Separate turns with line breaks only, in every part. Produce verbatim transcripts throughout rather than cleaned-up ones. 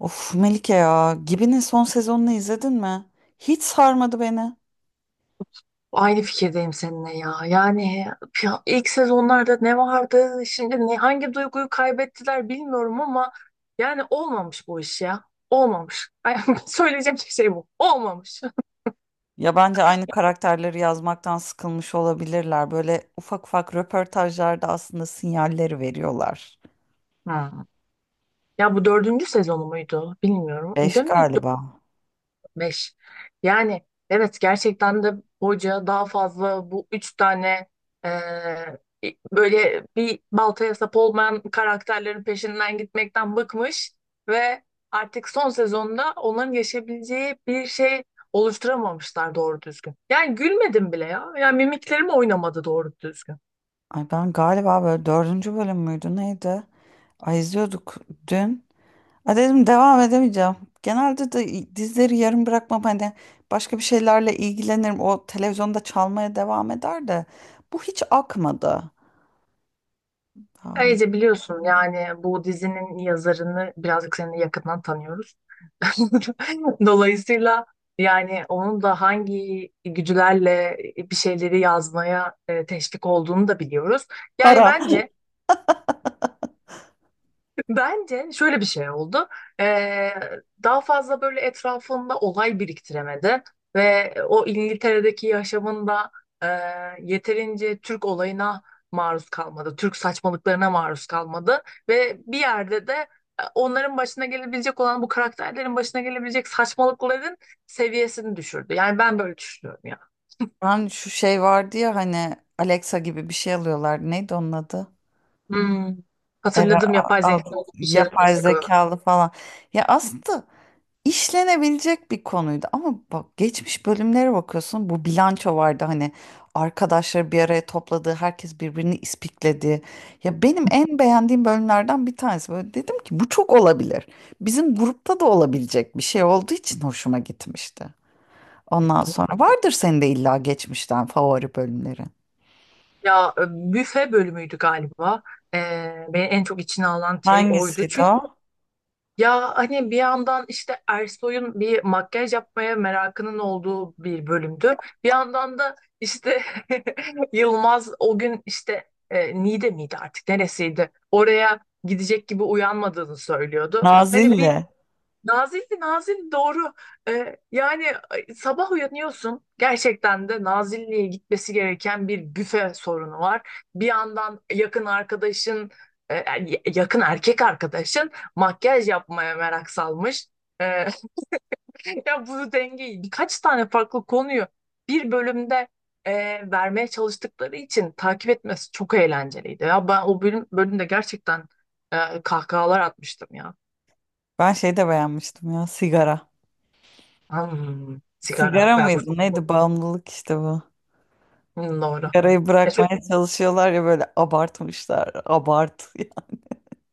Of Melike ya, Gibi'nin son sezonunu izledin mi? Hiç sarmadı beni.
Aynı fikirdeyim seninle ya. Yani ya ilk sezonlarda ne vardı? Şimdi ne, hangi duyguyu kaybettiler bilmiyorum ama yani olmamış bu iş ya. Olmamış. Ay, söyleyeceğim tek şey bu. Olmamış.
Ya bence aynı karakterleri yazmaktan sıkılmış olabilirler. Böyle ufak ufak röportajlarda aslında sinyalleri veriyorlar.
Hmm. Ya bu dördüncü sezonu muydu? Bilmiyorum.
Beş
Değil mi?
galiba.
Beş. Yani evet gerçekten de hoca daha fazla bu üç tane e, böyle bir baltaya sap olmayan karakterlerin peşinden gitmekten bıkmış ve artık son sezonda onların yaşayabileceği bir şey oluşturamamışlar doğru düzgün. Yani gülmedim bile ya. Yani mimiklerim oynamadı doğru düzgün.
Ay ben galiba böyle dördüncü bölüm müydü neydi? Ay izliyorduk dün. Ay dedim devam edemeyeceğim. Genelde de dizileri yarım bırakmam hani başka bir şeylerle ilgilenirim. O televizyonda çalmaya devam eder de bu hiç akmadı. Yani
Ayrıca biliyorsun yani bu dizinin yazarını birazcık seninle yakından tanıyoruz. Dolayısıyla yani onun da hangi gücülerle bir şeyleri yazmaya e, teşvik olduğunu da biliyoruz. Yani
para.
bence Bence şöyle bir şey oldu. Ee, Daha fazla böyle etrafında olay biriktiremedi ve o İngiltere'deki yaşamında e, yeterince Türk olayına maruz kalmadı. Türk saçmalıklarına maruz kalmadı ve bir yerde de e, onların başına gelebilecek olan bu karakterlerin başına gelebilecek saçmalıkların seviyesini düşürdü. Yani ben böyle düşünüyorum ya.
Ben şu şey vardı ya hani Alexa gibi bir şey alıyorlar. Neydi onun adı?
Hmm,
Eve
hatırladım, yapay zeka
aldık.
bir şeyler
Yapay
destek alıyor.
zekalı falan. Ya aslında işlenebilecek bir konuydu ama bak geçmiş bölümlere bakıyorsun bu bilanço vardı hani arkadaşları bir araya topladığı herkes birbirini ispikledi. Ya benim en beğendiğim bölümlerden bir tanesi böyle dedim ki bu çok olabilir. Bizim grupta da olabilecek bir şey olduğu için hoşuma gitmişti. Ondan sonra vardır senin de illa geçmişten favori bölümleri.
Ya e, büfe bölümüydü galiba. Ee, beni en çok içine alan şey oydu.
Hangisiydi
Çünkü
o?
ya hani bir yandan işte Ersoy'un bir makyaj yapmaya merakının olduğu bir bölümdü. Bir yandan da işte Yılmaz o gün işte e, Niğde miydi artık neresiydi? Oraya gidecek gibi uyanmadığını söylüyordu. Hani bir
Nazilli.
Nazilli, Nazilli doğru. Ee, yani ay, sabah uyanıyorsun. Gerçekten de Nazilli'ye gitmesi gereken bir büfe sorunu var. Bir yandan yakın arkadaşın, e, e, y- yakın erkek arkadaşın makyaj yapmaya merak salmış. Ee, Ya bu dengeyi birkaç tane farklı konuyu bir bölümde e, vermeye çalıştıkları için takip etmesi çok eğlenceliydi. Ya ben o bölüm bölümde gerçekten e, kahkahalar atmıştım ya.
Ben şey de beğenmiştim ya sigara.
Hmm, sigara.
Sigara
Ya bu çok.
mıydı? Neydi? Bağımlılık işte bu.
Hmm, doğru.
Sigarayı
Ya çok-
bırakmaya çalışıyorlar ya böyle abartmışlar. Abart.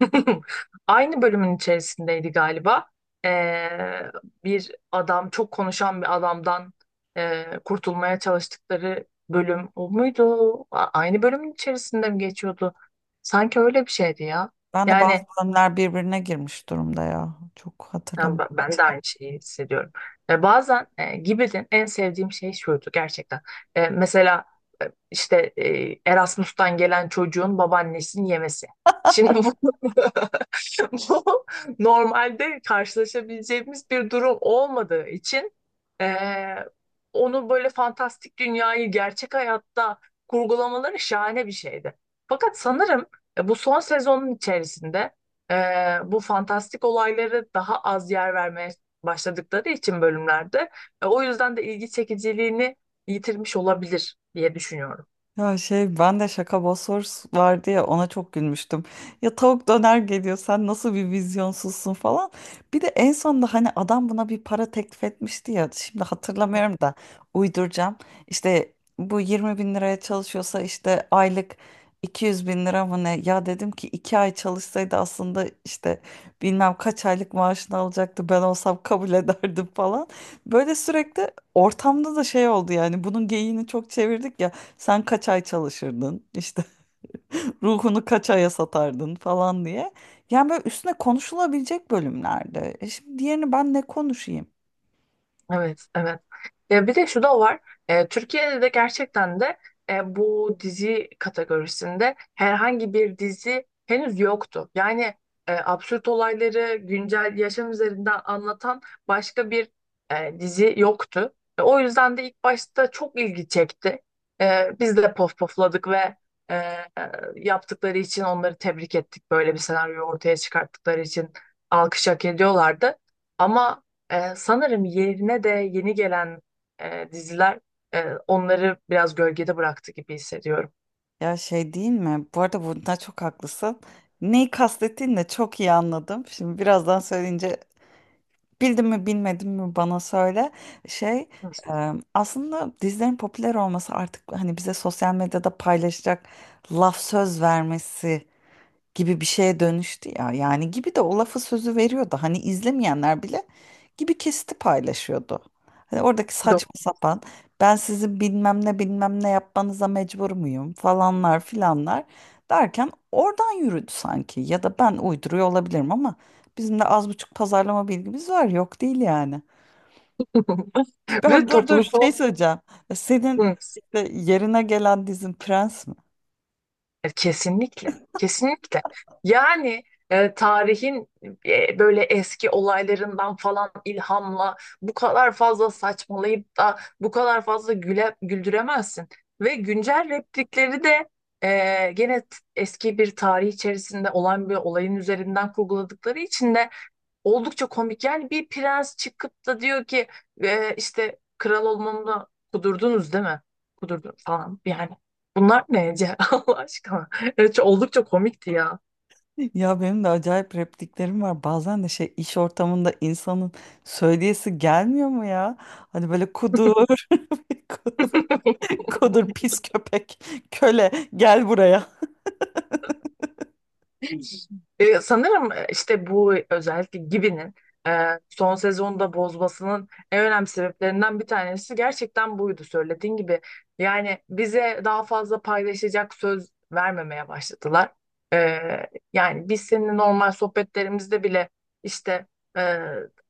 aynı bölümün içerisindeydi galiba. Ee, Bir adam, çok konuşan bir adamdan e, kurtulmaya çalıştıkları bölüm o muydu? A- aynı bölümün içerisinde mi geçiyordu? Sanki öyle bir şeydi ya.
Ben de bazı
Yani
bölümler birbirine girmiş durumda ya. Çok
ben
hatırlamıyorum.
ben de aynı şeyi hissediyorum. E, bazen e, Gibbet'in en sevdiğim şey şuydu gerçekten. E, mesela e, işte e, Erasmus'tan gelen çocuğun babaannesini yemesi. Şimdi bu bu normalde karşılaşabileceğimiz bir durum olmadığı için eee, onu böyle fantastik dünyayı gerçek hayatta kurgulamaları şahane bir şeydi. Fakat sanırım e, bu son sezonun içerisinde eee, bu fantastik olayları daha az yer vermeye başladıkları için bölümlerde e, o yüzden de ilgi çekiciliğini yitirmiş olabilir diye düşünüyorum.
Ya şey ben de şaka Bosworth vardı ya ona çok gülmüştüm. Ya tavuk döner geliyor sen nasıl bir vizyonsuzsun falan. Bir de en sonunda hani adam buna bir para teklif etmişti ya şimdi hatırlamıyorum da uyduracağım. İşte bu yirmi bin liraya çalışıyorsa işte aylık iki yüz bin lira mı ne? Ya dedim ki iki ay çalışsaydı aslında işte bilmem kaç aylık maaşını alacaktı ben olsam kabul ederdim falan. Böyle sürekli ortamda da şey oldu yani bunun geyiğini çok çevirdik ya. Sen kaç ay çalışırdın işte ruhunu kaç aya satardın falan diye. Yani böyle üstüne konuşulabilecek bölümlerde. E şimdi diğerini ben ne konuşayım?
Evet, evet. E, bir de şu da var. E, Türkiye'de de gerçekten de e, bu dizi kategorisinde herhangi bir dizi henüz yoktu. Yani e, absürt olayları güncel yaşam üzerinden anlatan başka bir e, dizi yoktu. E, o yüzden de ilk başta çok ilgi çekti. E, biz de pof pofladık ve e, e, yaptıkları için onları tebrik ettik. Böyle bir senaryo ortaya çıkarttıkları için alkış hak ediyorlardı. Ama ee, sanırım yerine de yeni gelen e, diziler e, onları biraz gölgede bıraktı gibi hissediyorum.
Ya şey değil mi? Bu arada bunda çok haklısın. Neyi kastettiğini de çok iyi anladım. Şimdi birazdan söyleyince bildin mi bilmedin mi bana söyle. Şey
Hı.
e, aslında dizilerin popüler olması artık hani bize sosyal medyada paylaşacak laf söz vermesi gibi bir şeye dönüştü ya. Yani gibi de o lafı sözü veriyordu. Hani izlemeyenler bile gibi kesiti paylaşıyordu. Hani oradaki
Doğru.
saçma sapan ben sizin bilmem ne bilmem ne yapmanıza mecbur muyum falanlar filanlar derken oradan yürüdü sanki. Ya da ben uyduruyor olabilirim ama bizim de az buçuk pazarlama bilgimiz var yok değil yani. Ben
Ve
dur dur
toplumsal.
şey söyleyeceğim. Senin
Hı.
işte yerine gelen dizin Prens mi?
E, kesinlikle, kesinlikle. Yani e, tarihin e, böyle eski olaylarından falan ilhamla bu kadar fazla saçmalayıp da bu kadar fazla güle, güldüremezsin. Ve güncel replikleri de e, gene t- eski bir tarih içerisinde olan bir olayın üzerinden kurguladıkları için de oldukça komik. Yani bir prens çıkıp da diyor ki "E, işte kral olmamı kudurdunuz değil mi? Kudurdum falan yani. Bunlar ne Ece? Allah aşkına. Evet, çok- oldukça komikti ya.
Ya benim de acayip repliklerim var. Bazen de şey iş ortamında insanın söyleyesi gelmiyor mu ya? Hani böyle kudur, kudur, pis köpek, köle gel buraya.
E, sanırım e, işte bu özellikle Gibi'nin e, son sezonda bozmasının en önemli sebeplerinden bir tanesi gerçekten buydu söylediğin gibi. Yani bize daha fazla paylaşacak söz vermemeye başladılar. E, yani biz seninle normal sohbetlerimizde bile işte e,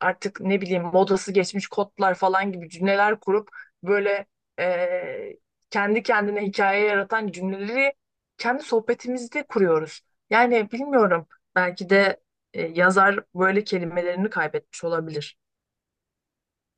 artık ne bileyim modası geçmiş kodlar falan gibi cümleler kurup böyle e, kendi kendine hikaye yaratan cümleleri kendi sohbetimizde kuruyoruz. Yani bilmiyorum. Belki de e, yazar böyle kelimelerini kaybetmiş olabilir.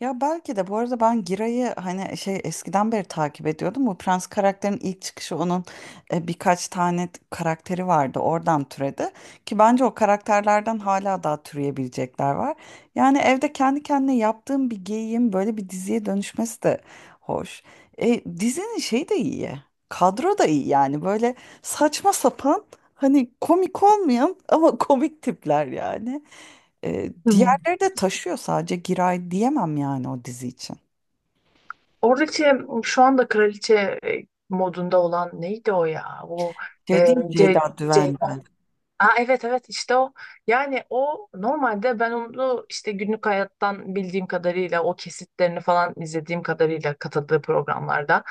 Ya belki de bu arada ben Giray'ı hani şey eskiden beri takip ediyordum. Bu Prens karakterin ilk çıkışı onun e, birkaç tane t- karakteri vardı. Oradan türedi. Ki bence o karakterlerden hala daha türeyebilecekler var. Yani evde kendi kendine yaptığım bir geyiğin böyle bir diziye dönüşmesi de hoş. E, dizinin şeyi de iyi. Kadro da iyi yani böyle saçma sapan hani komik olmayan ama komik tipler yani. E,
Hmm.
diğerleri de taşıyor sadece Giray diyemem yani o dizi için.
Oradaki şu anda kraliçe e, modunda olan neydi o ya? O
Şey
e,
değil mi
C,
Ceyda
C.
Düvenci.
Aa, evet evet işte o. Yani o normalde ben onu işte günlük hayattan bildiğim kadarıyla o kesitlerini falan izlediğim kadarıyla katıldığı programlarda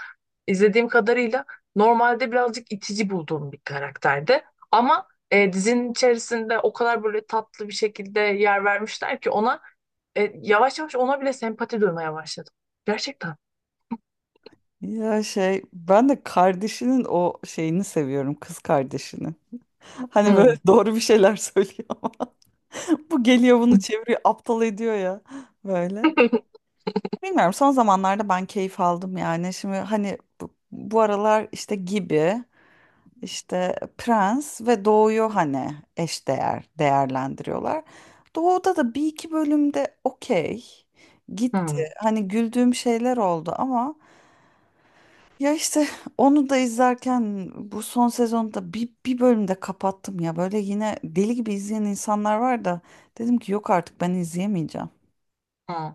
izlediğim kadarıyla normalde birazcık itici bulduğum bir karakterdi. Ama e, dizinin içerisinde o kadar böyle tatlı bir şekilde yer vermişler ki ona e, yavaş yavaş ona bile sempati duymaya başladım. Gerçekten.
Ya şey ben de kardeşinin o şeyini seviyorum kız kardeşini. Hani böyle
Hmm.
doğru bir şeyler söylüyor ama bu geliyor bunu çeviriyor aptal ediyor ya böyle. Bilmiyorum son zamanlarda ben keyif aldım yani. Şimdi hani bu, bu aralar işte gibi İşte Prens ve Doğu'yu hani eşdeğer değerlendiriyorlar. Doğu'da da bir iki bölümde okey gitti.
Hmm.
Hani güldüğüm şeyler oldu ama ya işte onu da izlerken bu son sezonda bir, bir bölümde kapattım ya. Böyle yine deli gibi izleyen insanlar var da dedim ki yok artık ben izleyemeyeceğim.
Hmm.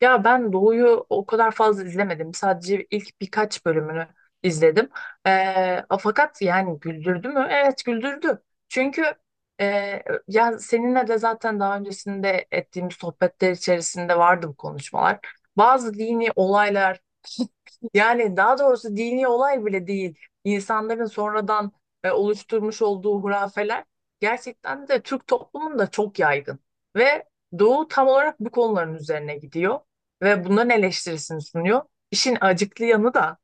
Ya ben Doğu'yu o kadar fazla izlemedim. Sadece ilk birkaç bölümünü izledim. Ee, fakat yani güldürdü mü? Evet güldürdü. Çünkü e, ya seninle de zaten daha öncesinde ettiğimiz sohbetler içerisinde vardı bu konuşmalar. Bazı dini olaylar yani daha doğrusu dini olay bile değil. İnsanların sonradan e, oluşturmuş olduğu hurafeler gerçekten de Türk toplumunda çok yaygın. Ve Doğu tam olarak bu konuların üzerine gidiyor ve bunların eleştirisini sunuyor. İşin acıklı yanı da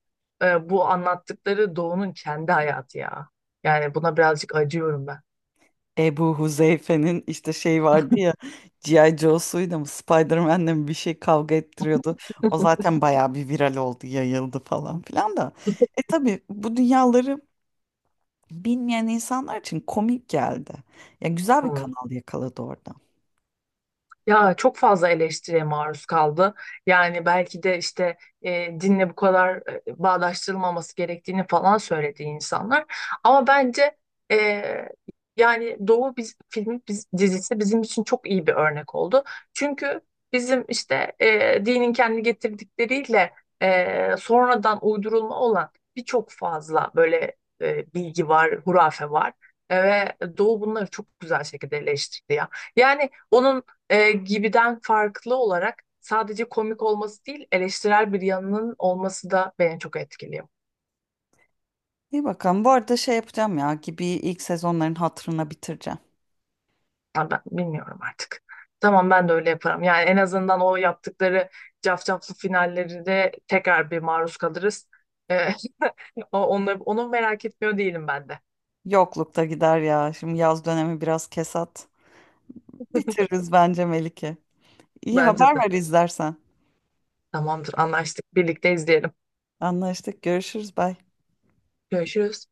e, bu anlattıkları Doğu'nun kendi hayatı ya. Yani buna birazcık acıyorum ben.
Ebu Huzeyfe'nin işte şey vardı ya C I. Joe'suyla mı Spider-Man'le mi bir şey kavga ettiriyordu. O zaten bayağı bir viral oldu, yayıldı falan filan da. E tabii bu dünyaları bilmeyen insanlar için komik geldi. Ya güzel bir kanal yakaladı orada.
Ya çok fazla eleştiriye maruz kaldı. Yani belki de işte e, dinle bu kadar e, bağdaştırılmaması gerektiğini falan söyledi insanlar. Ama bence e, yani Doğu biz, filmi biz, dizisi bizim için çok iyi bir örnek oldu. Çünkü bizim işte e, dinin kendi getirdikleriyle e, sonradan uydurulma olan birçok fazla böyle e, bilgi var, hurafe var. E, Ve Doğu bunları çok güzel şekilde eleştirdi ya. Yani onun e, gibiden farklı olarak sadece komik olması değil eleştirel bir yanının olması da beni çok etkiliyor.
İyi bakalım. Bu arada şey yapacağım ya gibi ilk sezonların hatırına bitireceğim.
Ya ben bilmiyorum artık. Tamam ben de öyle yaparım. Yani en azından o yaptıkları cafcaflı finallerinde tekrar bir maruz kalırız. E, o- onu, onu merak etmiyor değilim ben de.
Yoklukta gider ya. Şimdi yaz dönemi biraz kesat. Bitiririz bence Melike. İyi
Bence
haber
de.
ver izlersen.
Tamamdır anlaştık. Birlikte izleyelim.
Anlaştık. Görüşürüz. Bye.
Görüşürüz.